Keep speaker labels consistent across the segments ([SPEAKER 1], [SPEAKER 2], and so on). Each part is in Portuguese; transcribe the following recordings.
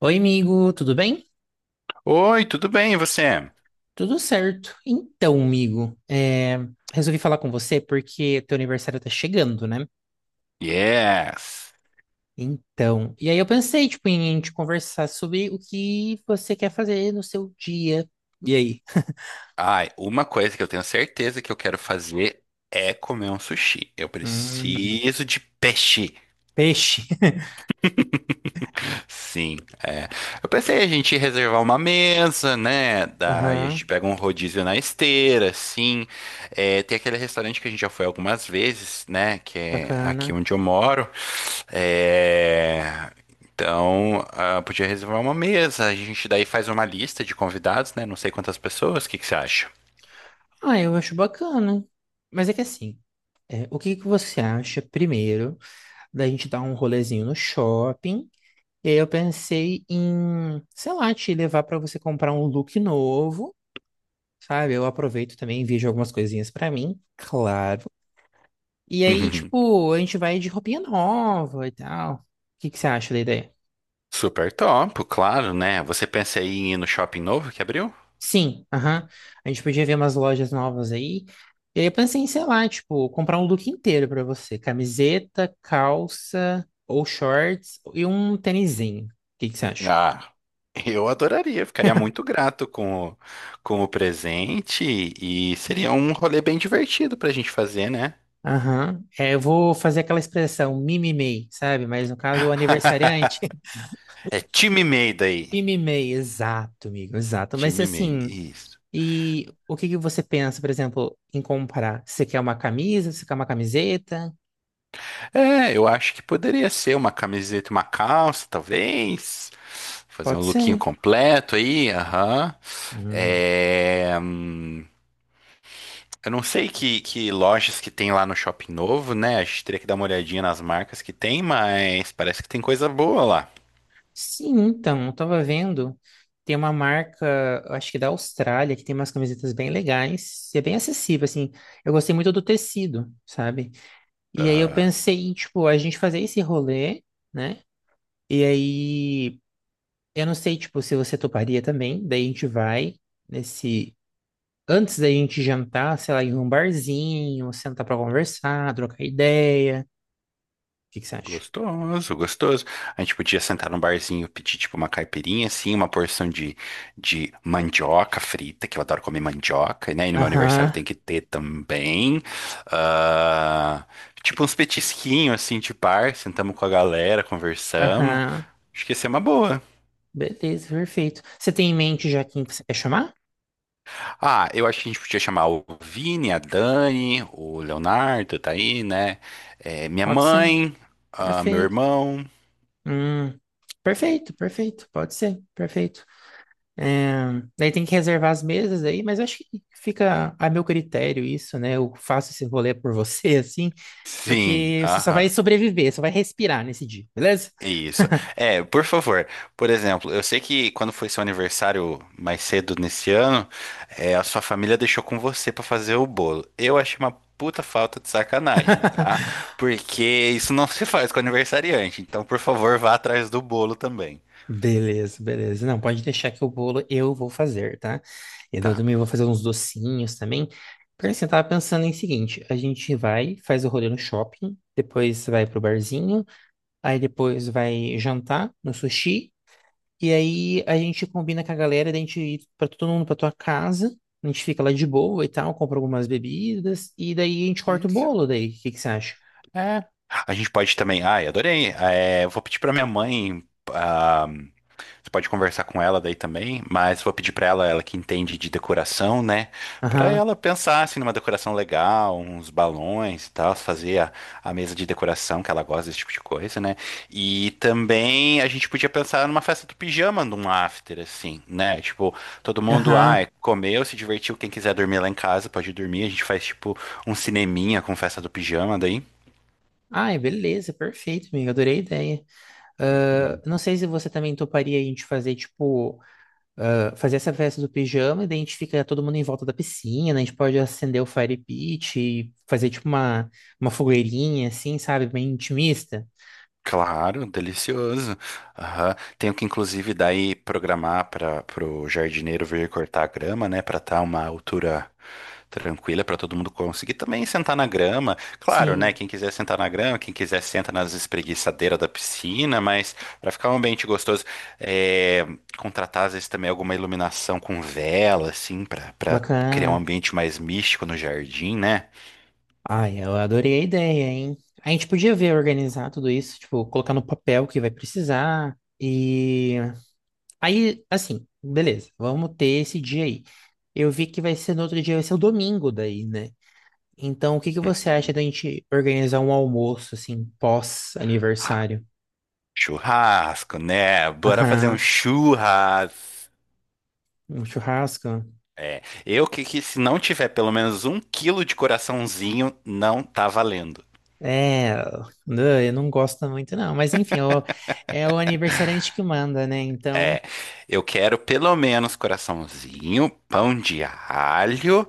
[SPEAKER 1] Oi, amigo, tudo bem?
[SPEAKER 2] Oi, tudo bem, e você?
[SPEAKER 1] Tudo certo. Então, amigo, resolvi falar com você porque teu aniversário tá chegando, né?
[SPEAKER 2] Yes.
[SPEAKER 1] Então, e aí eu pensei, tipo, em te conversar sobre o que você quer fazer no seu dia. E aí?
[SPEAKER 2] Ai, uma coisa que eu tenho certeza que eu quero fazer é comer um sushi. Eu
[SPEAKER 1] Hum,
[SPEAKER 2] preciso de peixe.
[SPEAKER 1] peixe.
[SPEAKER 2] Sim, é. Eu pensei a gente reservar uma mesa, né? Daí a gente
[SPEAKER 1] Aham,
[SPEAKER 2] pega um rodízio na esteira, assim. É, tem aquele restaurante que a gente já foi algumas vezes, né? Que é aqui
[SPEAKER 1] bacana.
[SPEAKER 2] onde eu moro. É, então, ah, podia reservar uma mesa. A gente daí faz uma lista de convidados, né? Não sei quantas pessoas. O que que você acha?
[SPEAKER 1] Ah, eu acho bacana. Mas é que assim, o que que você acha primeiro da gente dar um rolezinho no shopping? E aí eu pensei em, sei lá, te levar pra você comprar um look novo, sabe? Eu aproveito também, vejo algumas coisinhas pra mim, claro. E aí, tipo, a gente vai de roupinha nova e tal. O que que você acha da ideia?
[SPEAKER 2] Super top, claro, né? Você pensa aí em ir no shopping novo que abriu?
[SPEAKER 1] Sim, aham. A gente podia ver umas lojas novas aí. E aí eu pensei em, sei lá, tipo, comprar um look inteiro pra você. Camiseta, calça ou shorts e um tênisinho. O que que você acha?
[SPEAKER 2] Ah, eu adoraria, ficaria muito grato com o presente e seria um rolê bem divertido pra gente fazer, né?
[SPEAKER 1] Aham. É, eu vou fazer aquela expressão mimimei, sabe? Mas no caso, o aniversariante.
[SPEAKER 2] É time MEI daí.
[SPEAKER 1] Mimimei, exato, amigo, exato. Mas
[SPEAKER 2] Time MEI,
[SPEAKER 1] assim,
[SPEAKER 2] isso.
[SPEAKER 1] e o que que você pensa, por exemplo, em comprar? Você quer uma camisa? Você quer uma camiseta?
[SPEAKER 2] É, eu acho que poderia ser uma camiseta, e uma calça, talvez. Fazer um
[SPEAKER 1] Pode
[SPEAKER 2] lookinho
[SPEAKER 1] ser.
[SPEAKER 2] completo aí, aham.
[SPEAKER 1] Hum.
[SPEAKER 2] É, eu não sei que lojas que tem lá no Shopping Novo, né? A gente teria que dar uma olhadinha nas marcas que tem, mas parece que tem coisa boa lá.
[SPEAKER 1] Sim, então, eu tava vendo. Tem uma marca, eu acho que da Austrália, que tem umas camisetas bem legais. E é bem acessível, assim. Eu gostei muito do tecido, sabe? E aí eu
[SPEAKER 2] Ah,
[SPEAKER 1] pensei, em, tipo, a gente fazer esse rolê. Né? E aí, eu não sei, tipo, se você toparia também. Daí a gente vai nesse. Antes da gente jantar, sei lá, em um barzinho, sentar pra conversar, trocar ideia. O que que você acha?
[SPEAKER 2] gostoso, gostoso. A gente podia sentar num barzinho, pedir tipo uma caipirinha, assim, uma porção de mandioca frita, que eu adoro comer mandioca, né? E no meu aniversário
[SPEAKER 1] Aham,
[SPEAKER 2] tem que ter também. Ah, tipo uns petisquinhos, assim, de bar, sentamos com a galera, conversamos.
[SPEAKER 1] aham.
[SPEAKER 2] Acho que ia ser uma boa.
[SPEAKER 1] Beleza, perfeito. Você tem em mente já quem você quer chamar?
[SPEAKER 2] Ah, eu acho que a gente podia chamar o Vini, a Dani, o Leonardo, tá aí, né? É, minha
[SPEAKER 1] Pode ser.
[SPEAKER 2] mãe, ah, meu
[SPEAKER 1] Perfeito.
[SPEAKER 2] irmão.
[SPEAKER 1] Hum, perfeito, perfeito. Pode ser, perfeito. É, daí tem que reservar as mesas aí, mas eu acho que fica a meu critério isso, né? Eu faço esse rolê por você, assim,
[SPEAKER 2] Sim,
[SPEAKER 1] porque você só vai
[SPEAKER 2] aham.
[SPEAKER 1] sobreviver, só vai respirar nesse dia, beleza?
[SPEAKER 2] Isso. É, por favor. Por exemplo, eu sei que quando foi seu aniversário mais cedo nesse ano, é, a sua família deixou com você pra fazer o bolo. Eu achei uma puta falta de sacanagem, tá? Porque isso não se faz com aniversariante. Então, por favor, vá atrás do bolo também.
[SPEAKER 1] Beleza, beleza. Não, pode deixar que o bolo eu vou fazer, tá? E daí
[SPEAKER 2] Tá.
[SPEAKER 1] eu também vou fazer uns docinhos também. Porque assim, eu tava pensando em seguinte, a gente vai, faz o rolê no shopping, depois vai pro barzinho, aí depois vai jantar no sushi. E aí a gente combina com a galera, da gente ir pra todo mundo pra tua casa. A gente fica lá de boa e tal, compra algumas bebidas. E daí a gente corta o
[SPEAKER 2] Isso.
[SPEAKER 1] bolo daí. O que que você acha?
[SPEAKER 2] É. A gente pode também. Ai, adorei. É, eu vou pedir pra minha mãe. Você pode conversar com ela daí também, mas vou pedir pra ela, ela que entende de decoração, né? Pra
[SPEAKER 1] Aham.
[SPEAKER 2] ela pensar assim numa decoração legal, uns balões e tal, fazer a mesa de decoração que ela gosta desse tipo de coisa, né? E também a gente podia pensar numa festa do pijama, num after assim, né? Tipo, todo mundo, ah,
[SPEAKER 1] Aham.
[SPEAKER 2] comeu, se divertiu, quem quiser dormir lá em casa pode dormir, a gente faz tipo um cineminha com festa do pijama daí.
[SPEAKER 1] Ai, beleza, perfeito, amigo. Adorei a ideia. Ah, não sei se você também toparia a gente fazer, tipo, ah, fazer essa festa do pijama e daí a gente fica todo mundo em volta da piscina, a gente pode acender o fire pit e fazer, tipo, uma fogueirinha, assim, sabe? Bem intimista.
[SPEAKER 2] Claro, delicioso. Aham. Tenho que, inclusive, daí programar para o jardineiro vir cortar a grama, né? Para estar uma altura tranquila para todo mundo conseguir também sentar na grama. Claro, né?
[SPEAKER 1] Sim,
[SPEAKER 2] Quem quiser sentar na grama, quem quiser senta nas espreguiçadeiras da piscina, mas para ficar um ambiente gostoso, é, contratar às vezes também alguma iluminação com vela, assim, para criar um
[SPEAKER 1] bacana.
[SPEAKER 2] ambiente mais místico no jardim, né?
[SPEAKER 1] Ai, eu adorei a ideia, hein? A gente podia ver organizar tudo isso, tipo, colocar no papel o que vai precisar. E aí, assim, beleza, vamos ter esse dia aí. Eu vi que vai ser no outro dia, vai ser o domingo daí, né? Então, o que que você acha
[SPEAKER 2] Uhum.
[SPEAKER 1] da gente organizar um almoço, assim, pós-aniversário?
[SPEAKER 2] Churrasco, né? Bora fazer um
[SPEAKER 1] Aham,
[SPEAKER 2] churras.
[SPEAKER 1] um churrasco?
[SPEAKER 2] É, eu que se não tiver pelo menos um quilo de coraçãozinho, não tá valendo.
[SPEAKER 1] É, não, eu não gosto muito, não. Mas enfim, é o é o aniversariante que manda, né? Então.
[SPEAKER 2] É, eu quero pelo menos coraçãozinho, pão de alho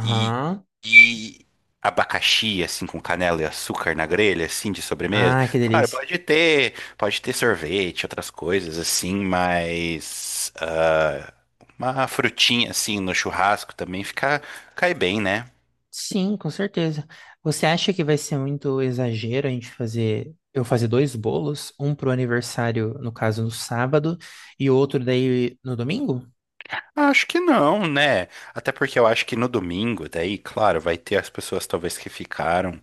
[SPEAKER 2] e, e abacaxi, assim, com canela e açúcar na grelha, assim, de sobremesa.
[SPEAKER 1] Ah, que
[SPEAKER 2] Claro,
[SPEAKER 1] delícia.
[SPEAKER 2] pode ter sorvete, outras coisas, assim, mas ah, uma frutinha, assim, no churrasco também fica, cai bem, né?
[SPEAKER 1] Sim, com certeza. Você acha que vai ser muito exagero a gente fazer, eu fazer dois bolos, um pro aniversário, no caso, no sábado, e outro daí no domingo?
[SPEAKER 2] Acho que não, né? Até porque eu acho que no domingo, daí, claro, vai ter as pessoas talvez que ficaram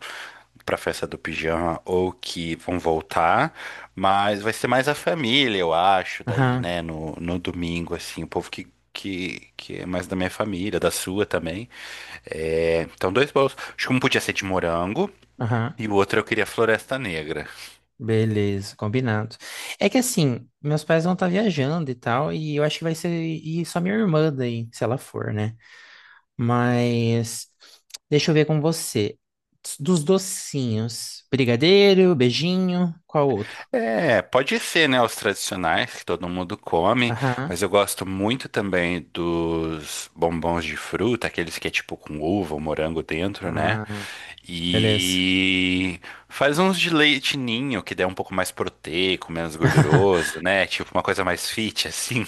[SPEAKER 2] pra festa do pijama ou que vão voltar, mas vai ser mais a família, eu acho, daí,
[SPEAKER 1] Aham,
[SPEAKER 2] né? No domingo, assim, o povo que é mais da minha família, da sua também. É, então, dois bolos. Acho que um podia ser de morango
[SPEAKER 1] aham.
[SPEAKER 2] e o outro eu queria Floresta Negra.
[SPEAKER 1] Beleza, combinado. É que assim, meus pais vão estar viajando e tal, e eu acho que vai ser e só minha irmã daí, se ela for, né? Mas deixa eu ver com você. Dos docinhos, brigadeiro, beijinho, qual outro?
[SPEAKER 2] É, pode ser, né, os tradicionais que todo mundo come,
[SPEAKER 1] Aham.
[SPEAKER 2] mas eu gosto muito também dos bombons de fruta, aqueles que é tipo com uva ou morango dentro, né?
[SPEAKER 1] Ah, beleza.
[SPEAKER 2] E faz uns de leite ninho, que daí é um pouco mais proteico, menos gorduroso, né? Tipo uma coisa mais fit, assim.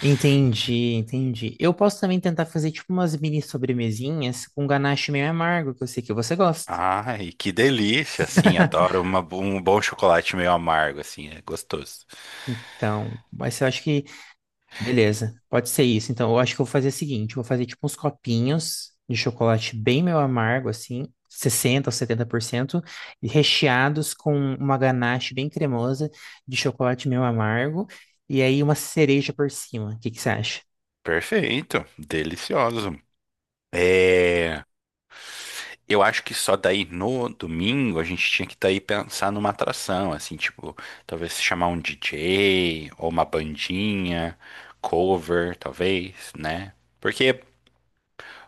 [SPEAKER 1] Entendi, entendi. Eu posso também tentar fazer tipo umas mini sobremesinhas com ganache meio amargo, que eu sei que você gosta.
[SPEAKER 2] Ai, que delícia, assim, adoro um bom chocolate meio amargo, assim, é gostoso.
[SPEAKER 1] Então, mas eu acho que, beleza, pode ser isso. Então, eu acho que eu vou fazer o seguinte, eu vou fazer tipo uns copinhos de chocolate bem meio amargo, assim, 60 ou 70%, e recheados com uma ganache bem cremosa de chocolate meio amargo, e aí uma cereja por cima. O que que você acha?
[SPEAKER 2] Perfeito, delicioso. É. Eu acho que só daí no domingo a gente tinha que daí pensar numa atração, assim, tipo, talvez chamar um DJ ou uma bandinha, cover, talvez, né? Porque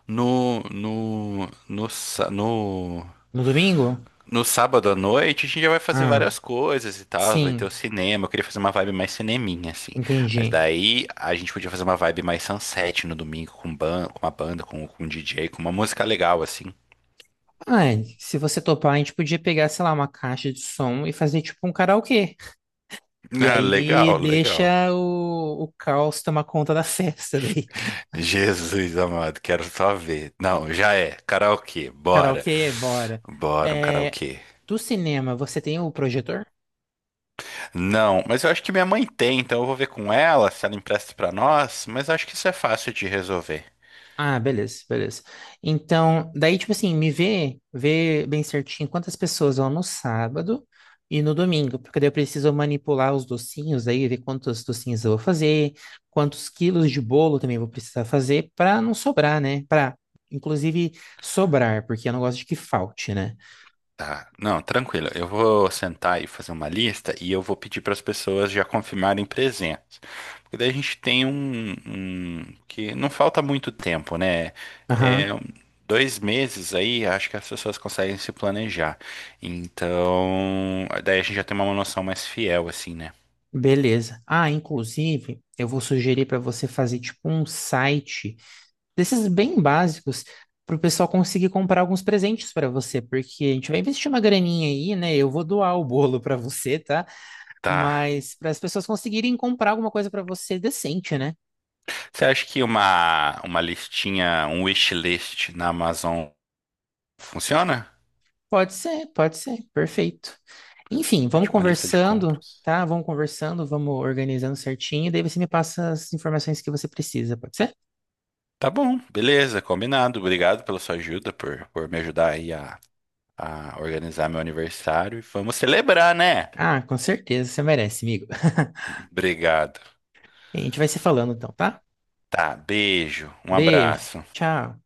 [SPEAKER 2] no, no, no, sa- no,
[SPEAKER 1] No domingo?
[SPEAKER 2] no sábado à noite a gente já vai fazer
[SPEAKER 1] Ah,
[SPEAKER 2] várias coisas e tal, vai ter o
[SPEAKER 1] sim,
[SPEAKER 2] cinema, eu queria fazer uma vibe mais cineminha, assim. Mas
[SPEAKER 1] entendi.
[SPEAKER 2] daí a gente podia fazer uma vibe mais sunset no domingo com uma banda, com um DJ, com uma música legal, assim.
[SPEAKER 1] Ai, se você topar, a gente podia pegar, sei lá, uma caixa de som e fazer tipo um karaokê. E
[SPEAKER 2] Ah,
[SPEAKER 1] aí
[SPEAKER 2] legal, legal.
[SPEAKER 1] deixa o caos tomar conta da festa daí.
[SPEAKER 2] Jesus amado, quero só ver. Não, já é. Karaokê, bora.
[SPEAKER 1] Karaokê, bora.
[SPEAKER 2] Bora, um
[SPEAKER 1] É,
[SPEAKER 2] karaokê.
[SPEAKER 1] do cinema, você tem o projetor?
[SPEAKER 2] Não, mas eu acho que minha mãe tem, então eu vou ver com ela se ela empresta pra nós, mas eu acho que isso é fácil de resolver.
[SPEAKER 1] Ah, beleza, beleza. Então, daí, tipo assim, me vê, vê bem certinho quantas pessoas vão no sábado e no domingo, porque daí eu preciso manipular os docinhos aí, ver quantos docinhos eu vou fazer, quantos quilos de bolo também eu vou precisar fazer para não sobrar, né? Para, inclusive, sobrar, porque eu não gosto de que falte, né?
[SPEAKER 2] Tá, não, tranquilo. Eu vou sentar e fazer uma lista e eu vou pedir para as pessoas já confirmarem presença. Porque daí a gente tem que não falta muito tempo, né?
[SPEAKER 1] Aham,
[SPEAKER 2] É, 2 meses aí, acho que as pessoas conseguem se planejar. Então, daí a gente já tem uma noção mais fiel, assim, né?
[SPEAKER 1] beleza. Ah, inclusive, eu vou sugerir para você fazer tipo um site desses bem básicos para o pessoal conseguir comprar alguns presentes para você, porque a gente vai investir uma graninha aí, né? Eu vou doar o bolo para você, tá?
[SPEAKER 2] Tá.
[SPEAKER 1] Mas para as pessoas conseguirem comprar alguma coisa para você decente, né?
[SPEAKER 2] Você acha que uma listinha, um wishlist na Amazon funciona?
[SPEAKER 1] Pode ser, perfeito. Enfim,
[SPEAKER 2] É
[SPEAKER 1] vamos
[SPEAKER 2] tipo uma lista de
[SPEAKER 1] conversando,
[SPEAKER 2] compras.
[SPEAKER 1] tá? Vamos conversando, vamos organizando certinho, daí você me passa as informações que você precisa, pode ser?
[SPEAKER 2] Tá bom, beleza, combinado. Obrigado pela sua ajuda, por me ajudar aí a organizar meu aniversário. E vamos celebrar, né?
[SPEAKER 1] Ah, com certeza, você merece, amigo.
[SPEAKER 2] Obrigado.
[SPEAKER 1] A gente vai se falando então, tá?
[SPEAKER 2] Tá, beijo, um
[SPEAKER 1] Beijo,
[SPEAKER 2] abraço.
[SPEAKER 1] tchau.